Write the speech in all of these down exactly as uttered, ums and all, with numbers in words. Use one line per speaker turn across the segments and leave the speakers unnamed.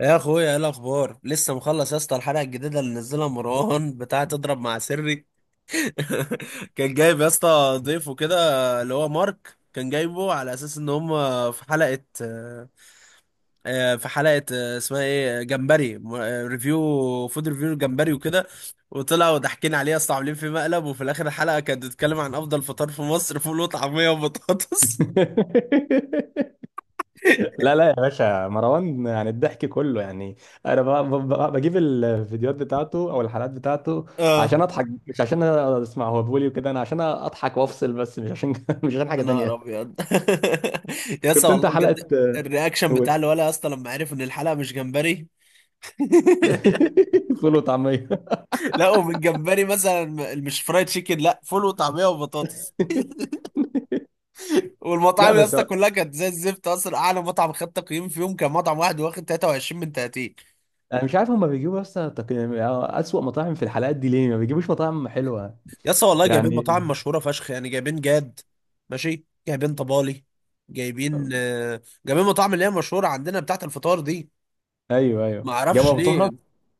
يا اخويا ايه الاخبار لسه مخلص يا اسطى؟ الحلقه الجديده اللي نزلها مروان بتاعه تضرب مع سري. كان جايب يا اسطى ضيفه كده، اللي هو مارك، كان جايبه على اساس ان هم في حلقه. آه، في حلقه آه، اسمها ايه؟ جمبري م- آه، ريفيو، فود ريفيو جمبري وكده. وطلعوا ضاحكين عليه يا اسطى، عاملين في مقلب، وفي الاخر الحلقه كانت بتتكلم عن افضل فطار في مصر: فول وطعميه وبطاطس.
لا لا يا باشا مروان، يعني الضحك كله. يعني انا ب- ب- ب- بجيب الفيديوحات بتاعته او الحلقات بتاعته
اه،
عشان اضحك، مش عشان اسمع هو بيقول إيه وكده. انا عشان اضحك وافصل بس، مش عشان مش عشان
يا
حاجه
نهار
تانية.
ابيض. يا اسطى
شفت انت
والله
حلقه؟
بجد، الرياكشن
قول.
بتاع الولا يا اسطى لما عرف ان الحلقه مش جمبري.
فول وطعميه.
لا، ومن جمبري مثلا، م- مش فرايد تشيكن، لا، فول وطعميه وبطاطس.
لا
والمطاعم يا
بس
اسطى كلها كانت زي الزفت. اصلا اعلى مطعم خد تقييم فيهم كان مطعم واحد واخد تلاتة وعشرين من ثلاثين.
انا مش عارف هما بيجيبوا، بس تق- اسوأ مطاعم في الحلقات دي. ليه ما بيجيبوش مطاعم حلوه
يا اسطى والله جايبين
يعني؟
مطاعم مشهوره فشخ، يعني جايبين جاد، ماشي، جايبين طبالي، جايبين آه، جايبين مطاعم اللي هي مشهوره عندنا بتاعت الفطار دي.
ايوه
ما
ايوه، جابوا
اعرفش
ابو
ليه.
طه.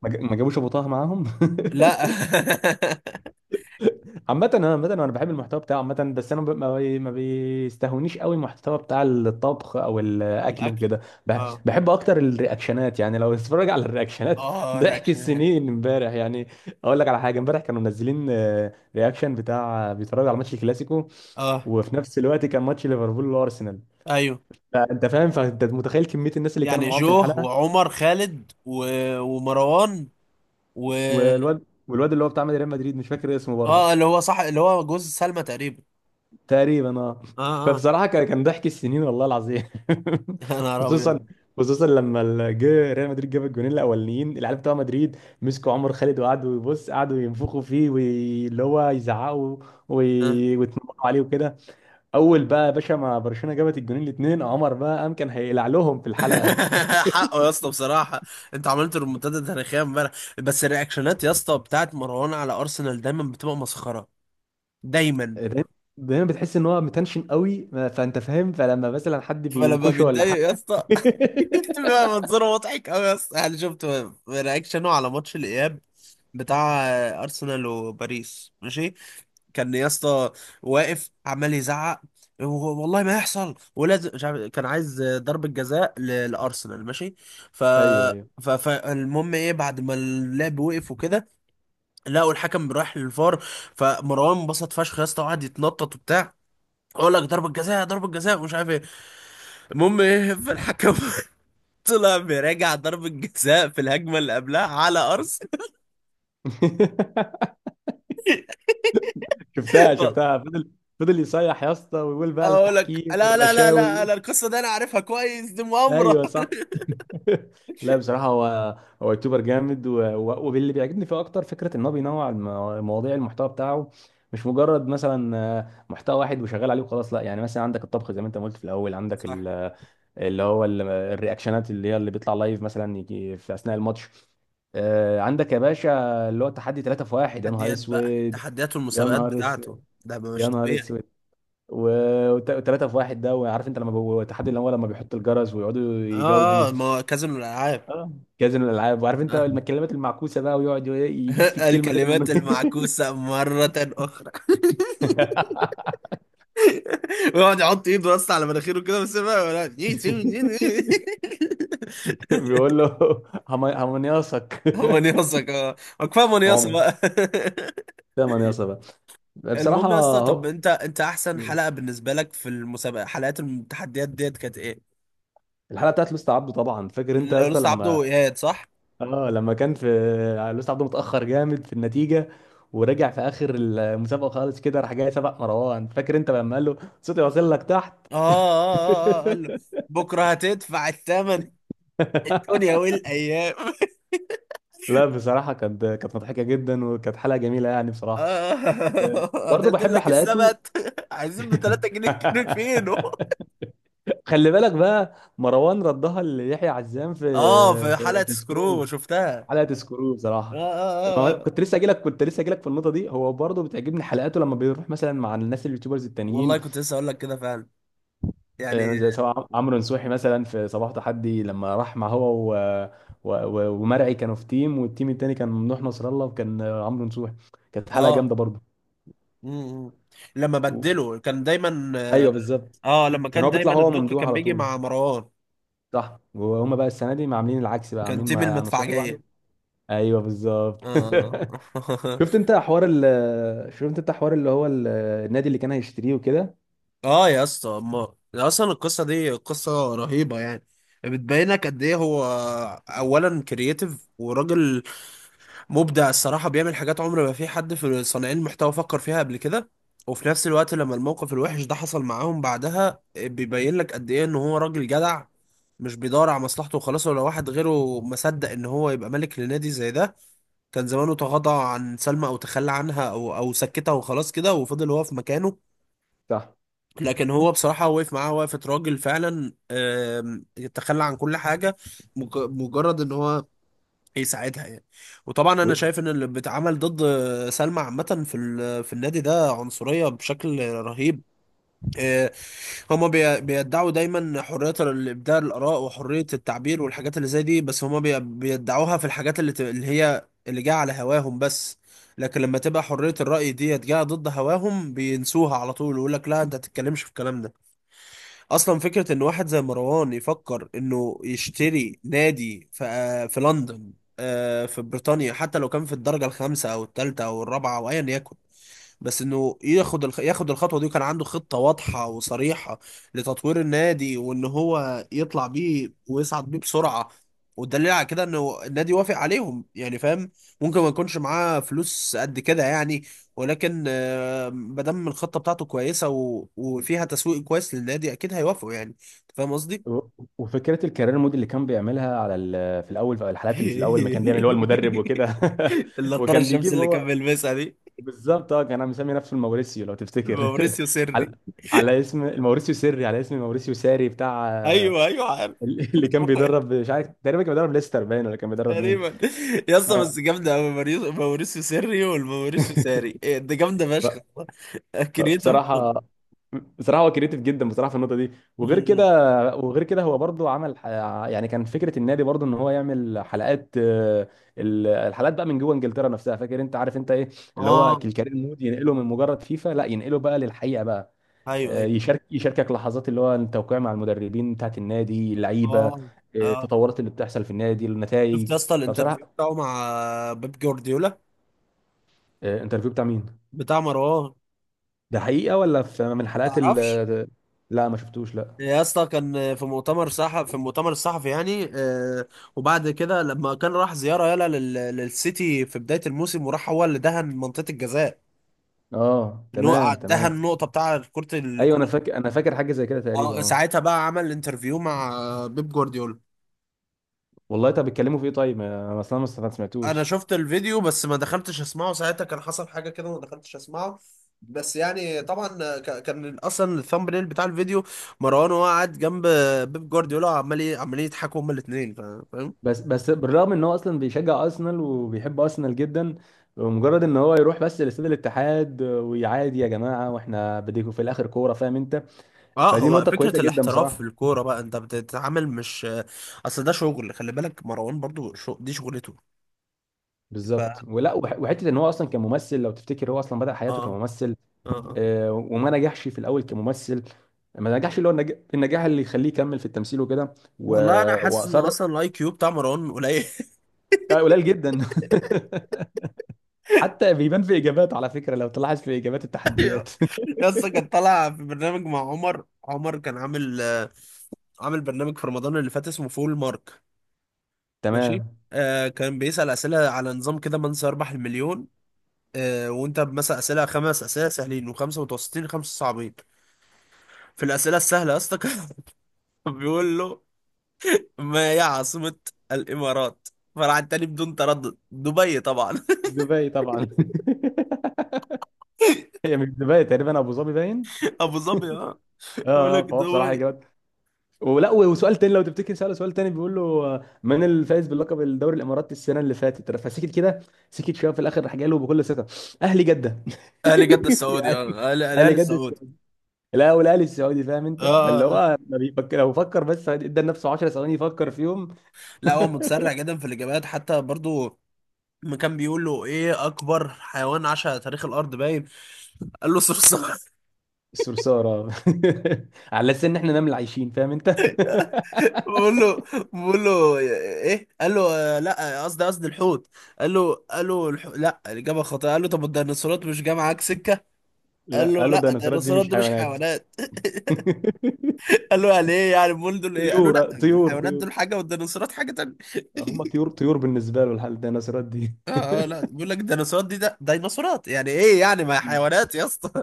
ما ج- ما جابوش ابو طه معاهم.
لا.
عامة انا، عامة انا بحب المحتوى بتاعه عامة، بس انا ب- ما بي- ما بيستهونيش قوي المحتوى بتاع الطبخ او الاكل
الاكل.
وكده. بح-
اه
بحب اكتر الرياكشنات، يعني لو تتفرج على الرياكشنات.
اه،
ضحك
رياكشن.
السنين امبارح يعني. اقول لك على حاجة، امبارح كانوا منزلين آه، رياكشن بتاع بيتفرجوا على ماتش الكلاسيكو،
اه،
وفي نفس الوقت كان ماتش ليفربول وارسنال.
ايوه،
فانت فاهم، فانت متخيل كمية الناس اللي كانوا
يعني
معاهم في
جوه
الحلقة.
وعمر خالد و... ومروان و
والواد والواد اللي هو بتاع ريال مدريد مش فاكر اسمه برضه.
اه، اللي هو صح، اللي هو جوز سلمى تقريبا.
تقريبا اه.
اه اه.
فبصراحه كان كان ضحك السنين والله العظيم.
يا نهار
خصوصا،
ابيض.
خصوصا لما ال- جه ريال مدريد جاب الجونين الاولانيين العيال بتوع مدريد، مسكوا عمر خالد وقعدوا يبص، قعدوا ينفخوا فيه واللي هو يزعقوا
آه.
وي- ويتنمروا عليه وكده. اول بقى يا باشا، ما برشلونه جابت الجونين الاثنين، عمر بقى قام كان هيقلع لهم في الحلقه.
حقه يا اسطى بصراحه. انت عملت ريمونتادا تاريخيه امبارح. بس الرياكشنات يا اسطى بتاعت مروان على ارسنال دايما بتبقى مسخره، دايما.
دايما، دايما بتحس ان هو متنشن قوي، ما- فانت فاهم، فلما مثلا حد
فلما
بينكشه ولا
بيتضايق يا
حاجه.
اسطى بيبقى منظره مضحك قوي يا اسطى. يعني شفت رياكشنه على ماتش الاياب بتاع ارسنال وباريس؟ ماشي، كان يا اسطى واقف عمال يزعق، و- والله ما يحصل، ولازم مش عارف- كان عايز ضربة جزاء ل- لارسنال ماشي. ف
ايوه ايوه.
ف- فالمهم ايه، بعد ما اللعب وقف وكده لقوا الحكم رايح للفار. فمروان انبسط فشخ يا اسطى وقعد يتنطط وبتاع: اقول لك ضربة جزاء ضربة جزاء ومش عارف ايه. المهم ايه، فالحكم طلع مراجع ضربة جزاء في الهجمة اللي قبلها على أرسنال.
شفتها شفتها فضل، فضل يصيح يا اسطى، ويقول بقى
أقول لك
التحكيم
لا لا لا لا،
والرشاوي.
أنا القصة دي أنا عارفها كويس، دي مؤامرة.
ايوه صح. لا بصراحه، هو هو يوتيوبر جامد، و- و- واللي بيعجبني فيه اكتر فكره ان هو بينوع الم- مواضيع المحتوى بتاعه، مش مجرد مثلا آه، محتوى واحد وشغال عليه وخلاص، لا. يعني مثلا عندك الطبخ زي ما انت ما قلت في الاول، عندك
صح.
ال- اللي هو ال- الرياكشنات اللي هي اللي بيطلع لايف مثلا يجي في اثناء الماتش. آه، عندك يا باشا اللي هو تحدي ثلاثة في واحد. يا نهار
تحديات بقى،
اسود،
تحديات
يا
والمسابقات
نهار اسود،
بتاعته ده بقى
يا
مش
نهار
طبيعي.
اسود. و- وت- وتلاتة في واحد ده. وعارف انت لما بو- تحدي الاموال، لما بيحط الجرس ويقعدوا يجاوبوا.
آه آه، ما هو كازينو الألعاب.
اه كازينو الالعاب. وعارف انت
آه.
الكلمات المعكوسه بقى، ويقعد ي- يجيب في الكلمه كده من.
الكلمات المعكوسة مرة أخرى. ويقعد يحط إيده بس على مناخيره كده بس بقى ولا-
بيقول له هم- همنياصك.
هو منيصة كمان؟ كفاية منيصة
عمر
بقى.
ده منياصه بقى. بصراحه
المهم يا اسطى، طب
اهو.
انت انت احسن حلقه بالنسبه لك في المسابقه، حلقات التحديات ديت، كانت ايه؟
الحلقه بتاعت لوست عبده طبعا. فاكر انت يا اسطى
لوست عبده
لما
وايهاب، صح؟
اه لما كان في، لويس عبده متأخر جامد في النتيجة، ورجع في آخر المسابقة خالص، كده راح جاي سبق مروان. فاكر انت لما قال له صوتي واصل لك تحت؟
اه اه اه اه، قال له بكره هتدفع الثمن، الدنيا والايام.
لا بصراحة، كانت كانت مضحكة جدا، وكانت حلقة جميلة يعني بصراحة.
اه
برضه
ده
بحب
لك
حلقاته.
السبت، عايزين ب ثلاثة جنيه كيلو فينو.
خلي بالك بقى، مروان ردها ليحيى عزام في
اه في
في,
حلقه
في سكرو.
سكرو، شفتها.
حلقة سكرو
اه
بصراحة.
اه
ما
اه
هو-
اه.
كنت لسه اجي لك كنت لسه اجي لك في النقطة دي. هو برضه بتعجبني حلقاته لما بيروح مثلا مع الناس اليوتيوبرز التانيين،
والله كنت لسه اقول لك كده فعلا يعني.
آه، زي سواء عمرو نصوحي مثلا في صباح تحدي، لما راح مع هو و... و... و... ومرعي كانوا في تيم، والتيم التاني كان ممدوح نصر الله وكان آه، عمرو نصوحي. كانت حلقه جامده
اه
برضه.
م- م. لما
و...
بدله كان دايما.
ايوه بالظبط.
اه، لما
كان
كان
هو بيطلع
دايما
هو
الدق
ممدوح
كان
على
بيجي
طول.
مع مروان.
صح، وهما بقى السنه دي عاملين العكس، بقى
كان آه.
عاملين
تيم
مع نصوحي لوحده.
المدفعجية.
ايوه بالظبط.
اه.
شفت انت حوار ال... شفت انت حوار اللي هو ال... النادي اللي كان هيشتريه وكده.
اه يا اسطى، اما اصلا القصة دي قصة رهيبة يعني. بتبينك قد ايه هو، اولا، كرييتيف وراجل مبدع الصراحة، بيعمل حاجات عمر ما في حد في صانعين المحتوى فكر فيها قبل كده. وفي نفس الوقت لما الموقف الوحش ده حصل معاهم بعدها، بيبين لك قد ايه ان هو راجل جدع، مش بيدور على مصلحته وخلاص. ولا واحد غيره مصدق ان هو يبقى ملك لنادي زي ده. كان زمانه تغاضى عن سلمى او تخلى عنها او او سكتها وخلاص كده، وفضل هو في مكانه.
صح
لكن هو بصراحة وقف معاها وقفة راجل فعلا. آم، تخلى عن كل حاجة، مج- مجرد ان هو يساعدها يعني. وطبعا انا
و-
شايف ان اللي بيتعمل ضد سلمى عامة في ال- في النادي ده عنصرية بشكل رهيب. آه، هما بي- بيدعوا دايما حرية الإبداع، الآراء وحرية التعبير والحاجات اللي زي دي، بس هما بي- بيدعوها في الحاجات اللي, ت- اللي هي اللي جاية على هواهم بس. لكن لما تبقى حرية الرأي دي جاية ضد هواهم بينسوها على طول، ويقول لك لا أنت تتكلمش في الكلام ده. أصلا فكرة إن واحد زي مروان يفكر إنه يشتري نادي في, آه، في لندن، آه، في بريطانيا، حتى لو كان في الدرجة الخامسة أو الثالثة أو الرابعة أو أيا يكن. بس انه ياخد الخ... ياخد الخطوه دي، وكان عنده خطه واضحه وصريحه لتطوير النادي، وان هو يطلع بيه ويصعد بيه بسرعه. والدليل على كده انه النادي وافق عليهم، يعني فاهم؟ ممكن ما يكونش معاه فلوس قد كده يعني، ولكن آه، ما دام الخطه بتاعته كويسه و... وفيها تسويق كويس للنادي اكيد هيوافقوا. يعني أنت فاهم قصدي؟
و- وفكره الكارير مود اللي كان بيعملها على ال- في الاول، في الحالات اللي في الاول ما كان بيعمل اللي هو المدرب وكده.
النضاره
وكان
الشمس
بيجيب
اللي كان
هو.
بيلبسها دي،
بالظبط، اه كان مسمي نفسه الموريسيو لو تفتكر.
موريسيو سري.
على على اسم الموريسيو سري، على اسم موريسيو ساري بتاع. آه،
ايوه ايوه عارف.
اللي كان بيدرب مش عارف، تقريبا كان بيدرب ليستر باين، ولا كان بيدرب مين.
تقريبا. يا اسطى
اه.
بس جامده قوي، موريس- موريسيو سيري والموريسيو ساري، إيه ده، جامده
ف-
فشخ. كرييتيف
فبصراحه،
برضه.
بصراحه هو كريتيف جدا بصراحه في النقطه دي. وغير كده،
أمم.
وغير كده هو برضو عمل ح- يعني كان فكره النادي برضو ان هو يعمل حلقات، آه، ال- الحلقات بقى من جوه انجلترا نفسها. فاكر انت، عارف انت ايه اللي هو
اه،
الكارير مود ينقله من مجرد فيفا، لا ينقله بقى للحقيقه بقى.
ايوه
آه،
ايوه.
يشارك يشاركك لحظات اللي هو التوقيع مع المدربين بتاعت النادي اللعيبه، آه،
اه اه.
التطورات اللي بتحصل في النادي، النتائج.
شفت يا اسطى الانترفيو
فبصراحه
بتاعه مع بيب جوارديولا؟
آه، انترفيو بتاع مين؟
بتاع مروان.
ده حقيقه ولا في من حلقات ال
تعرفش؟
آه، لا ما شفتوش لا.
يا اسطى كان في مؤتمر صحفي، في المؤتمر الصحفي يعني آه، وبعد كده لما كان راح زياره يلا لل... للسيتي في بدايه الموسم، وراح هو اللي دهن منطقه الجزاء،
اه
اللي
تمام
هو دهن
تمام.
النقطه بتاع كره.
ايوه انا فاكر انا فاكر حاجه زي كده تقريبا
اه،
اه.
ساعتها بقى عمل انترفيو مع بيب جوارديولا.
والله طب بيتكلموا في ايه؟ طيب انا اصلا ما است- ما
انا
سمعتوش.
شفت الفيديو بس ما دخلتش اسمعه، ساعتها كان حصل حاجه كده وما دخلتش اسمعه. بس يعني طبعا ك- كان اصلا الثامب نيل بتاع الفيديو مروان وهو قاعد جنب بيب جوارديولا، وعمال ي- عمالين يضحكوا هما الاثنين، فاهم.
بس بس بالرغم ان هو اصلا بيشجع ارسنال وبيحب ارسنال جدا، مجرد ان هو يروح بس لاستاد الاتحاد ويعادي، يا جماعه واحنا بديكوا في الاخر كوره، فاهم انت.
اه،
فدي
هو
نقطه كويسه
فكره
جدا
الاحتراف في
بصراحه.
الكوره بقى انت بتتعامل مش، اصل ده شغل. خلي بالك مروان برضو شو... دي شغلته. ف اه
بالظبط. ولا وح- وحته ان هو اصلا كممثل لو تفتكر، هو اصلا بدأ حياته
اه
كممثل،
اه.
آه، وما نجحش في الاول كممثل، ما نجحش اللي هو النج- النجاح اللي يخليه يكمل في التمثيل وكده. و...
والله انا حاسس ان
واصر.
اصلا الاي كيو بتاع مروان قليل.
آه، قليل جدا. حتى بيبان في اجابات، على فكره لو تلاحظ في اجابات التحديات.
يس، كان طالع في برنامج مع عمر، عمر كان عامل آه، عامل برنامج في رمضان اللي فات اسمه فول مارك، ماشي.
تمام.
آه، كان بيسأل أسئلة على نظام كده من سيربح المليون. آه، وانت مثلا أسئلة، خمس أسئلة سهلين وخمسة متوسطين، خمسة صعبين. في الأسئلة السهلة يا اسطى كان بيقول له: ما هي عاصمة الإمارات؟ فراح التاني بدون تردد: دبي طبعا.
دبي طبعا. هي مش دبي تقريبا، ابو ظبي باين.
أبو ظبي اه،
اه
يقول لك
اه. فهو بصراحه
دبي.
اجابات. ولا، وسؤال تاني، لو تفتكر سأله سؤال تاني، بيقول له آه، من الفائز بلقب الدوري الاماراتي السنه اللي فاتت؟ فسكت كده، سكت شويه، في الاخر راح جاي له بكل ثقه: اهلي جده.
أهلي جدة السعودي،
يعني
اه، الأهلي
اهلي جده.
السعودي.
لا، والاهلي السعودي، فاهم انت.
اه
فاللي
آه.
هو ما بيفكر، لو فكر بس ادى لنفسه عشر ثواني يفكر فيهم.
لا، هو متسرع جدا في الاجابات. حتى برضو ما كان بيقول له: ايه اكبر حيوان عاش على تاريخ الارض؟ باين قال له صرصار.
الصرصار اه. على اساس ان احنا نمل عايشين، فاهم انت.
بقول له، بقول له ايه، قال له آه، لا قصدي، قصدي الحوت. قال له، قال له الحو... لا، الاجابه خاطئه. قال له: طب الديناصورات مش جايه معاك سكه؟ قال
لا،
له:
قالوا
لا،
الديناصورات دي
الديناصورات
مش
دي مش
حيوانات.
حيوانات. قال له: يعني ايه؟ يعني امال دول ايه؟ قال له:
طيور،
لا،
آه، طيور
الحيوانات
طيور.
دول حاجه والديناصورات حاجه تانيه.
هم طيور، طيور بالنسبه له الحال، الديناصورات دي.
اه اه، لا بيقول لك الديناصورات دي، ده ديناصورات يعني ايه يعني؟ ما هي حيوانات يا اسطى.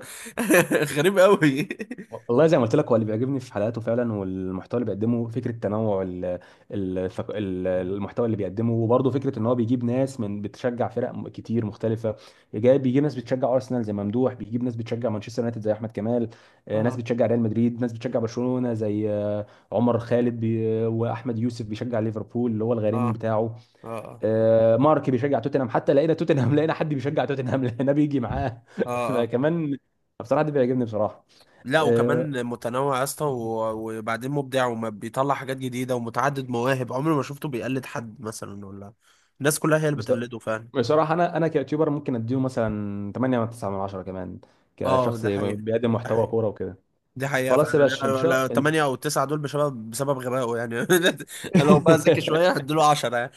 غريب قوي.
والله زي ما قلت لك، هو اللي بيعجبني في حلقاته فعلا والمحتوى اللي بيقدمه فكره تنوع ال- ال- الثق- ال- المحتوى اللي بيقدمه. وبرضه فكره ان هو بيجيب ناس من بتشجع فرق م- كتير مختلفه، جاي بيجيب ناس بتشجع ارسنال زي ممدوح، بيجيب ناس بتشجع مانشستر يونايتد زي احمد كمال، آه، ناس
اه
بتشجع ريال مدريد، ناس بتشجع برشلونه زي آه، عمر خالد، بي- واحمد يوسف بيشجع ليفربول اللي هو
اه
الغريم بتاعه.
اه اه
آه، مارك بيشجع توتنهام، حتى لقينا توتنهام، لقينا حد بيشجع توتنهام. لقينا بيجي معاه.
اه اه.
فكمان بصراحه ده بيعجبني بصراحه.
لا،
آه،
وكمان متنوع يا اسطى، و- وبعدين مبدع وما بيطلع حاجات جديده ومتعدد مواهب، عمري ما شفته بيقلد حد مثلا، ولا الناس كلها هي اللي
بص-
بتقلده فعلا.
بصراحة أنا أنا كيوتيوبر ممكن أديله مثلا ثمانية من تسعة من عشرة كمان،
اه
كشخص
ده حقيقة،
بيقدم
ده
محتوى
حقيقة.
كورة وكده.
دي حقيقة
خلاص يا
فعلا.
باشا إن
لا لا،
شاء.
تمانية أو تسعة دول بسبب بسبب غبائه يعني. لو بقى ذكي شوية هديله عشرة يعني.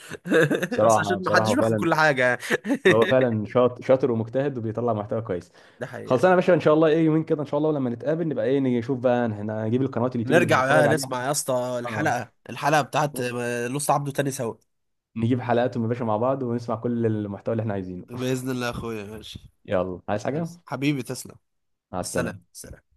بس
بصراحة
عشان
بصراحة
محدش
هو
بياخد
فعلا
كل حاجة يعني.
هو فعلا شاطر، شاطر ومجتهد وبيطلع محتوى كويس.
ده حقيقة.
خلصانة يا باشا إن شاء الله، إيه، يومين كده إن شاء الله، ولما نتقابل نبقى إيه، نيجي نشوف بقى هنا، نجيب القنوات اليوتيوب اللي
نرجع
بنتفرج
بقى
عليها.
نسمع يا اسطى
آه،
الحلقة، الحلقة بتاعت آه، لوست عبده تاني سوا.
نجيب حلقاتهم يا باشا مع بعض ونسمع كل المحتوى اللي إحنا عايزينه.
بإذن الله يا أخويا، ماشي.
يلا، عايز حاجة؟
حبيبي تسلم.
مع
السلام
السلامة.
السلام.